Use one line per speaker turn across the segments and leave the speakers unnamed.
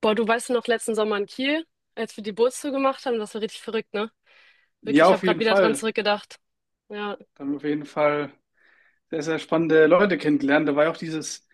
Boah, du weißt noch letzten Sommer in Kiel, als wir die Bootstour gemacht haben, das war richtig verrückt, ne?
Ja,
Wirklich, ich habe
auf
gerade
jeden
wieder dran
Fall.
zurückgedacht. Ja,
Da haben wir auf jeden Fall sehr, sehr spannende Leute kennengelernt. Da war ja auch dieses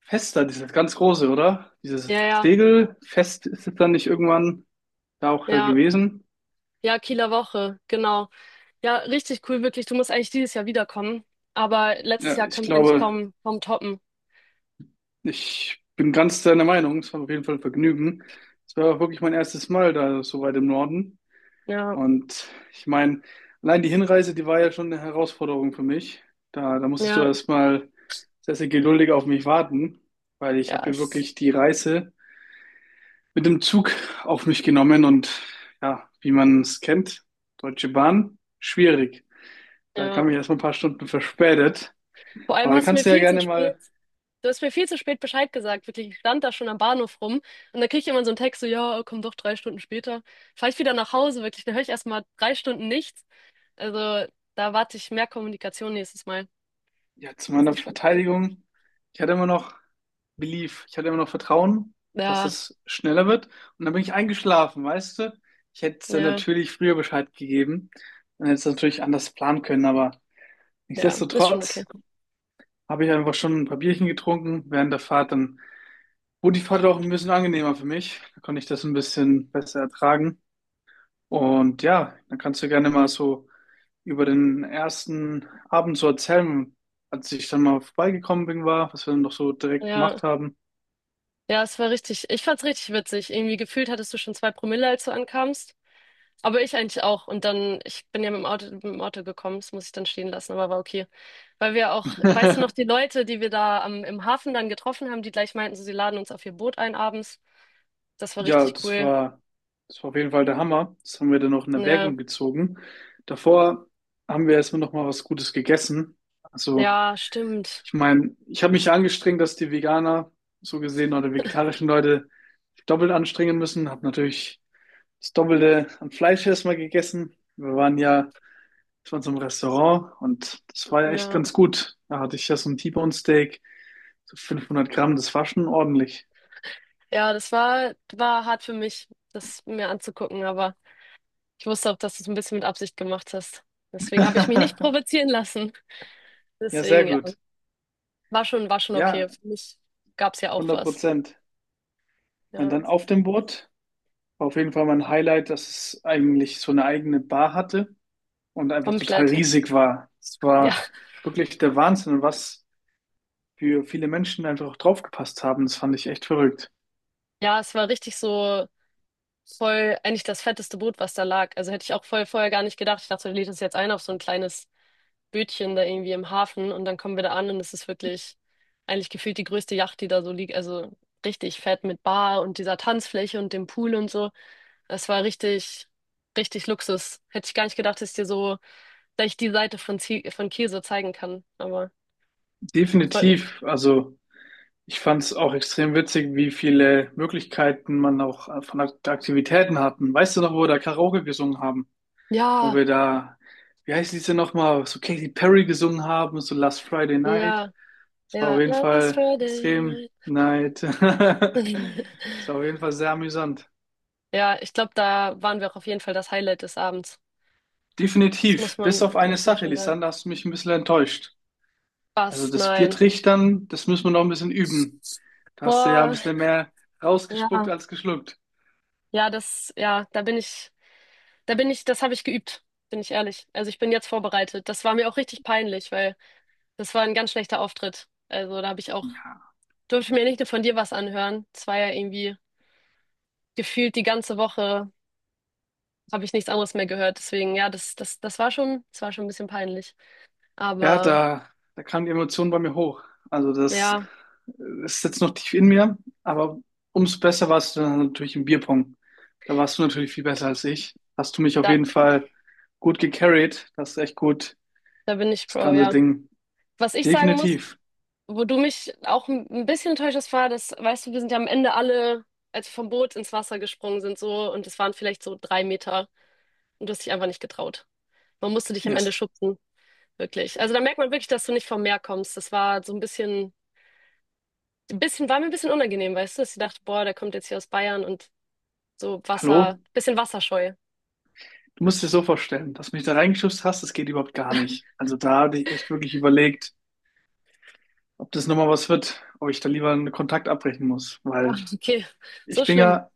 Fest da, dieses ganz große, oder? Dieses
ja, ja,
Segelfest ist es dann nicht irgendwann da auch
ja,
gewesen?
ja, Kieler Woche, genau. Ja, richtig cool, wirklich. Du musst eigentlich dieses Jahr wiederkommen, aber letztes
Ja,
Jahr
ich
können wir eigentlich
glaube,
kaum toppen.
ich bin ganz deiner Meinung. Es war auf jeden Fall ein Vergnügen. Es war auch wirklich mein erstes Mal da so weit im Norden.
Ja,
Und ich meine, allein die Hinreise, die war ja schon eine Herausforderung für mich. Da musstest du
ja,
erstmal sehr, sehr geduldig auf mich warten, weil ich
ja,
habe mir wirklich die Reise mit dem Zug auf mich genommen und ja, wie man es kennt, Deutsche Bahn, schwierig. Da
ja.
kam ich erst mal ein paar Stunden verspätet.
Vor allem
Aber da
hast du mir
kannst du ja
viel zu
gerne
spät,
mal,
Du hast mir viel zu spät Bescheid gesagt, wirklich. Ich stand da schon am Bahnhof rum und da krieg ich immer so einen Text, so, ja, komm doch 3 Stunden später. Fahr ich wieder nach Hause, wirklich. Dann höre ich erstmal 3 Stunden nichts. Also da warte ich mehr Kommunikation nächstes Mal.
ja, zu
Das ist
meiner
nicht schlimm.
Verteidigung, ich hatte immer noch Belief, ich hatte immer noch Vertrauen, dass
Ja,
es schneller wird. Und dann bin ich eingeschlafen, weißt du? Ich hätte es dann
ja,
natürlich früher Bescheid gegeben. Dann hätte es natürlich anders planen können, aber
ja, ist schon okay.
nichtsdestotrotz habe ich einfach schon ein paar Bierchen getrunken während der Fahrt. Dann gut, die Fahrt war auch ein bisschen angenehmer für mich. Da konnte ich das ein bisschen besser ertragen. Und ja, dann kannst du gerne mal so über den ersten Abend so erzählen, als ich dann mal vorbeigekommen bin, war, was wir dann noch so direkt
Ja,
gemacht haben.
ja, es war richtig. Ich fand's richtig witzig. Irgendwie gefühlt hattest du schon 2 Promille, als du ankamst. Aber ich eigentlich auch. Und dann, ich bin ja mit dem Auto, gekommen, das muss ich dann stehen lassen, aber war okay. Weil wir auch, weißt du noch, die Leute, die wir da im Hafen dann getroffen haben, die gleich meinten, so, sie laden uns auf ihr Boot ein abends. Das war
Ja,
richtig cool.
das war auf jeden Fall der Hammer. Das haben wir dann noch in
Ja,
Erwägung gezogen. Davor haben wir erstmal noch mal was Gutes gegessen. Also
ja, stimmt.
ich meine, ich habe mich angestrengt, dass die Veganer so gesehen oder vegetarischen Leute sich doppelt anstrengen müssen. Habe natürlich das Doppelte an Fleisch erstmal gegessen. Wir waren so im Restaurant und das war ja echt
Ja.
ganz gut. Da hatte ich ja so ein T-Bone Steak, so 500 Gramm, das war schon ordentlich.
Ja, das war, war hart für mich, das mir anzugucken, aber ich wusste auch, dass du es ein bisschen mit Absicht gemacht hast. Deswegen habe ich mich nicht provozieren lassen.
Ja, sehr
Deswegen, ja,
gut.
war schon
Ja,
okay. Für mich gab es ja auch
hundert
was.
Prozent. Und
Ja,
dann auf dem Boot war auf jeden Fall mein Highlight, dass es eigentlich so eine eigene Bar hatte und einfach total
komplett.
riesig war. Es
Ja,
war wirklich der Wahnsinn und was für viele Menschen einfach auch draufgepasst haben. Das fand ich echt verrückt.
ja, es war richtig so voll, eigentlich das fetteste Boot, was da lag. Also hätte ich auch voll vorher gar nicht gedacht. Ich dachte, du lädst es jetzt ein auf so ein kleines Bötchen da irgendwie im Hafen und dann kommen wir da an und es ist wirklich eigentlich gefühlt die größte Yacht, die da so liegt. Also richtig fett mit Bar und dieser Tanzfläche und dem Pool und so. Es war richtig, richtig Luxus. Hätte ich gar nicht gedacht, dass ich dir so gleich die Seite von, von Kiel so zeigen kann. Aber freut mich.
Definitiv, also ich fand es auch extrem witzig, wie viele Möglichkeiten man auch von Aktivitäten hatten. Weißt du noch, wo wir da Karaoke gesungen haben? Wo
Ja,
wir da, wie heißt diese nochmal, so Katy Perry gesungen haben, so Last Friday Night.
ja,
Das war auf
ja.
jeden
Last
Fall
Friday
extrem
night.
night. Das war auf jeden Fall sehr amüsant.
Ja, ich glaube, da waren wir auch auf jeden Fall das Highlight des Abends. Das
Definitiv. Bis auf eine
muss man
Sache,
schon sagen.
Lisander, hast du mich ein bisschen enttäuscht. Also
Was?
das
Nein.
Biertrichtern, das müssen wir noch ein bisschen üben. Da hast du ja ein
Boah,
bisschen mehr rausgespuckt
ja.
als geschluckt.
Ja, das, ja, da bin ich, das habe ich geübt, bin ich ehrlich. Also ich bin jetzt vorbereitet. Das war mir auch richtig peinlich, weil das war ein ganz schlechter Auftritt. Also da habe ich auch,
Ja.
durfte ich mir nicht nur von dir was anhören. Es war ja irgendwie gefühlt die ganze Woche habe ich nichts anderes mehr gehört. Deswegen, ja, das war schon ein bisschen peinlich.
Ja,
Aber
da kam die Emotion bei mir hoch. Also das
ja,
ist jetzt noch tief in mir, aber umso besser warst du dann natürlich im Bierpong. Da warst du natürlich viel besser als ich. Hast du mich auf
da,
jeden Fall gut gecarried. Das ist echt gut,
da bin ich
das
Pro,
ganze
ja.
Ding.
Was ich sagen muss,
Definitiv.
wo du mich auch ein bisschen enttäuscht hast, war, dass, weißt du, wir sind ja am Ende alle, als wir vom Boot ins Wasser gesprungen sind, so, und es waren vielleicht so 3 Meter und du hast dich einfach nicht getraut. Man musste dich am Ende
Erst,
schubsen, wirklich. Also da merkt man wirklich, dass du nicht vom Meer kommst. Das war so ein bisschen, war mir ein bisschen unangenehm, weißt du, dass ich dachte, boah, der kommt jetzt hier aus Bayern und so
hallo?
Wasser, bisschen wasserscheu.
Du musst dir so vorstellen, dass du mich da reingeschubst hast, das geht überhaupt gar nicht. Also da hatte ich echt wirklich überlegt, ob das nochmal was wird, ob ich da lieber einen Kontakt abbrechen muss, weil
Okay, so
ich bin
schlimm.
ja,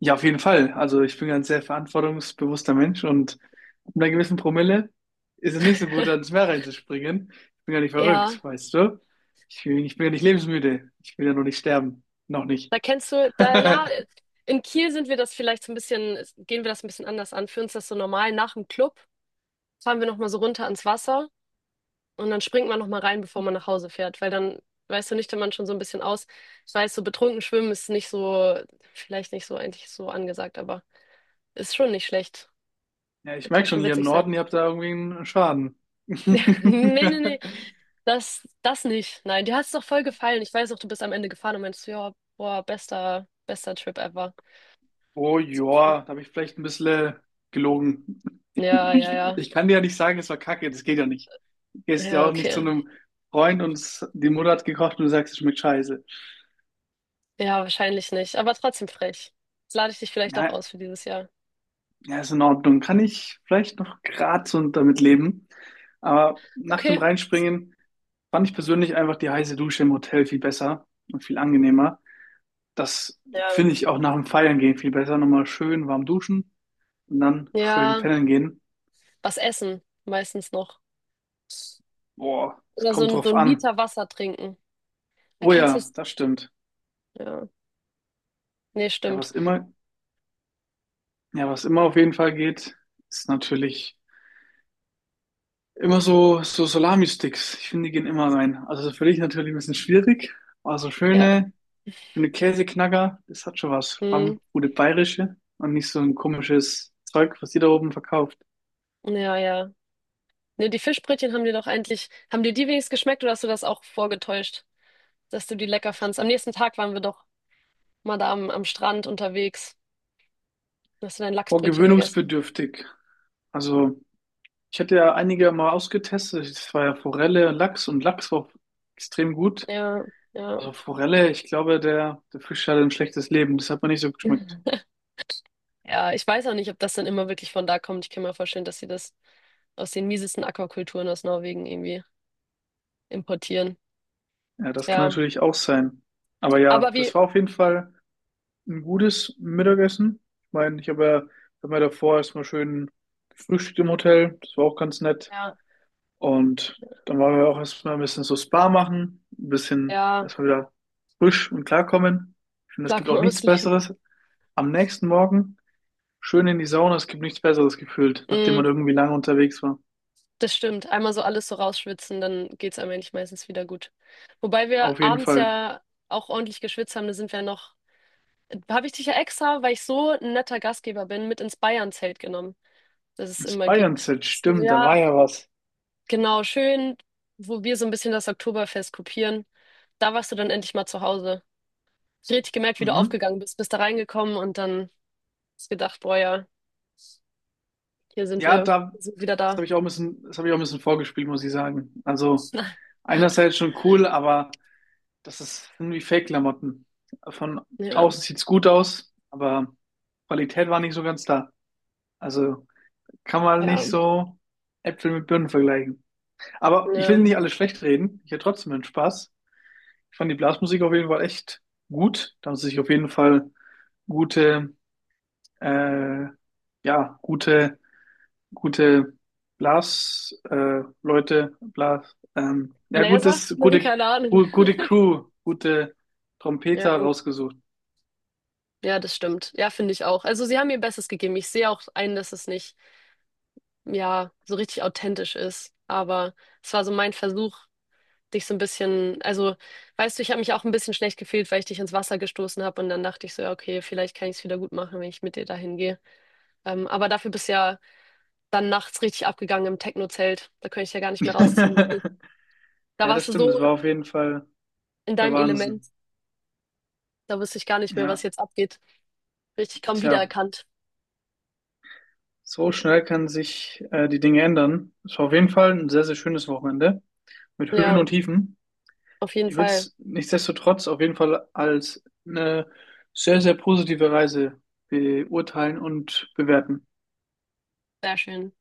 ja auf jeden Fall, also ich bin ja ein sehr verantwortungsbewusster Mensch und ab einer gewissen Promille ist es nicht so gut, ans Meer reinzuspringen. Ich bin ja nicht
Ja,
verrückt, weißt du? Ich bin ja nicht lebensmüde. Ich will ja noch nicht sterben. Noch nicht.
da kennst du, da, ja, in Kiel sind wir das vielleicht so ein bisschen, gehen wir das ein bisschen anders an. Für uns ist das so normal nach dem Club. Fahren wir nochmal so runter ans Wasser und dann springt man nochmal rein, bevor man nach Hause fährt, weil dann, weißt du, nüchtern man schon so ein bisschen aus. Ich weiß, so betrunken schwimmen ist nicht so, vielleicht nicht so eigentlich so angesagt, aber ist schon nicht schlecht.
Ja, ich
Kann
merke schon,
schon
hier im
witzig sein.
Norden, ihr habt da irgendwie einen Schaden.
Nee, nee, nee. Das, das nicht. Nein, dir hat es doch voll gefallen. Ich weiß auch, du bist am Ende gefahren und meinst, ja, boah, bester, bester Trip ever.
Oh
Das war schon.
ja, da habe ich vielleicht ein bisschen gelogen.
Ja, ja, ja.
Ich kann dir ja nicht sagen, es war Kacke, das geht ja nicht. Du gehst ja
Ja,
auch nicht zu
okay.
einem Freund und die Mutter hat gekocht und du sagst, es schmeckt scheiße.
Ja, wahrscheinlich nicht. Aber trotzdem frech. Jetzt lade ich dich vielleicht doch
Na,
aus für dieses Jahr.
ja, ist in Ordnung. Kann ich vielleicht noch grad so damit leben. Aber nach dem
Okay.
Reinspringen fand ich persönlich einfach die heiße Dusche im Hotel viel besser und viel angenehmer. Das
Ja.
finde ich auch nach dem Feiern gehen viel besser. Nochmal schön warm duschen und dann schön
Ja,
pennen gehen.
was essen meistens noch.
Boah, es
Oder
kommt
so
drauf
ein
an.
Liter Wasser trinken.
Oh
Erkennst du
ja,
es?
das stimmt.
Ja. Nee,
Ja,
stimmt.
was immer, ja, was immer auf jeden Fall geht, ist natürlich immer so, so Salami-Sticks. Ich finde, die gehen immer rein. Also für dich natürlich ein bisschen schwierig, aber so
Ja.
schöne, schöne Käseknacker, das hat schon was. Vor allem
Hm.
gute bayerische und nicht so ein komisches Zeug, was die da oben verkauft.
Ja, ja. Nee, die Fischbrötchen haben dir die wenigstens geschmeckt oder hast du das auch vorgetäuscht, dass du die lecker fandst? Am nächsten Tag waren wir doch mal da am Strand unterwegs. Da Hast du dein
Boah,
Lachsbrötchen gegessen?
gewöhnungsbedürftig. Also, ich hatte ja einige mal ausgetestet. Das war ja Forelle, Lachs und Lachs war extrem gut.
Ja, ja.
Also Forelle, ich glaube, der Fisch hatte ein schlechtes Leben. Das hat mir nicht so geschmeckt.
Ja, ich weiß auch nicht, ob das dann immer wirklich von da kommt. Ich kann mir vorstellen, dass sie das aus den miesesten Aquakulturen aus Norwegen irgendwie importieren.
Ja, das kann
Ja,
natürlich auch sein. Aber
aber
ja,
wie,
das war auf jeden Fall ein gutes Mittagessen. Ich meine, ich habe ja, hab mir davor erstmal schön gefrühstückt im Hotel. Das war auch ganz nett.
ja.
Und dann waren wir auch erstmal ein bisschen so Spa machen, ein bisschen
Ja,
erstmal wieder frisch und klarkommen. Ich finde, es
klar
gibt
kann
auch
man
nichts
ausleben.
Besseres. Am nächsten Morgen schön in die Sauna. Es gibt nichts Besseres gefühlt, nachdem man
Mm,
irgendwie lange unterwegs war.
das stimmt. Einmal so alles so rausschwitzen, dann geht's einem eigentlich meistens wieder gut. Wobei wir
Auf jeden
abends
Fall.
ja auch ordentlich geschwitzt haben, da sind wir ja noch. Habe ich dich ja extra, weil ich so ein netter Gastgeber bin, mit ins Bayern-Zelt genommen, das es
Das
immer gibt.
Bayern-Set,
So,
stimmt, da war
ja,
ja was.
genau, schön, wo wir so ein bisschen das Oktoberfest kopieren. Da warst du dann endlich mal zu Hause. Ich hab richtig gemerkt, wie du
Mhm.
aufgegangen bist, bist da reingekommen und dann hast gedacht, boah ja, hier sind
Ja,
wir,
da,
wir sind wieder
das
da.
habe ich auch ein bisschen, das habe ich auch ein bisschen vorgespielt, muss ich sagen. Also einerseits schon cool, aber das ist irgendwie Fake-Klamotten. Von
Ja,
außen sieht's gut aus, aber Qualität war nicht so ganz da. Also kann man
ja,
nicht so Äpfel mit Birnen vergleichen. Aber ich will
ja.
nicht alles schlecht reden. Ich hatte trotzdem einen Spaß. Ich fand die Blasmusik auf jeden Fall echt gut. Da haben sie sich auf jeden Fall gute, äh, ja, gute gute Blas, Leute, Blas, ja,
Bläser?
gutes, gute,
Keine Ahnung.
gu gute Crew, gute
Ja,
Trompeter rausgesucht.
ja, das stimmt. Ja, finde ich auch. Also sie haben ihr Bestes gegeben. Ich sehe auch ein, dass es nicht, ja, so richtig authentisch ist. Aber es war so mein Versuch, dich so ein bisschen, also, weißt du, ich habe mich auch ein bisschen schlecht gefühlt, weil ich dich ins Wasser gestoßen habe und dann dachte ich so, ja, okay, vielleicht kann ich es wieder gut machen, wenn ich mit dir dahin gehe. Aber dafür bist du ja dann nachts richtig abgegangen im Techno-Zelt. Da könnte ich ja gar nicht mehr rausziehen, wirklich. Da
Ja, das
warst du
stimmt, das
so
war auf jeden Fall
in
der
deinem Element.
Wahnsinn.
Da wusste ich gar nicht mehr, was
Ja,
jetzt abgeht. Richtig kaum
tja,
wiedererkannt.
so schnell kann sich die Dinge ändern. Es war auf jeden Fall ein sehr, sehr schönes Wochenende mit Höhen
Ja.
und Tiefen.
Auf jeden
Ich würde
Fall,
es nichtsdestotrotz auf jeden Fall als eine sehr, sehr positive Reise beurteilen und bewerten.
sehr schön.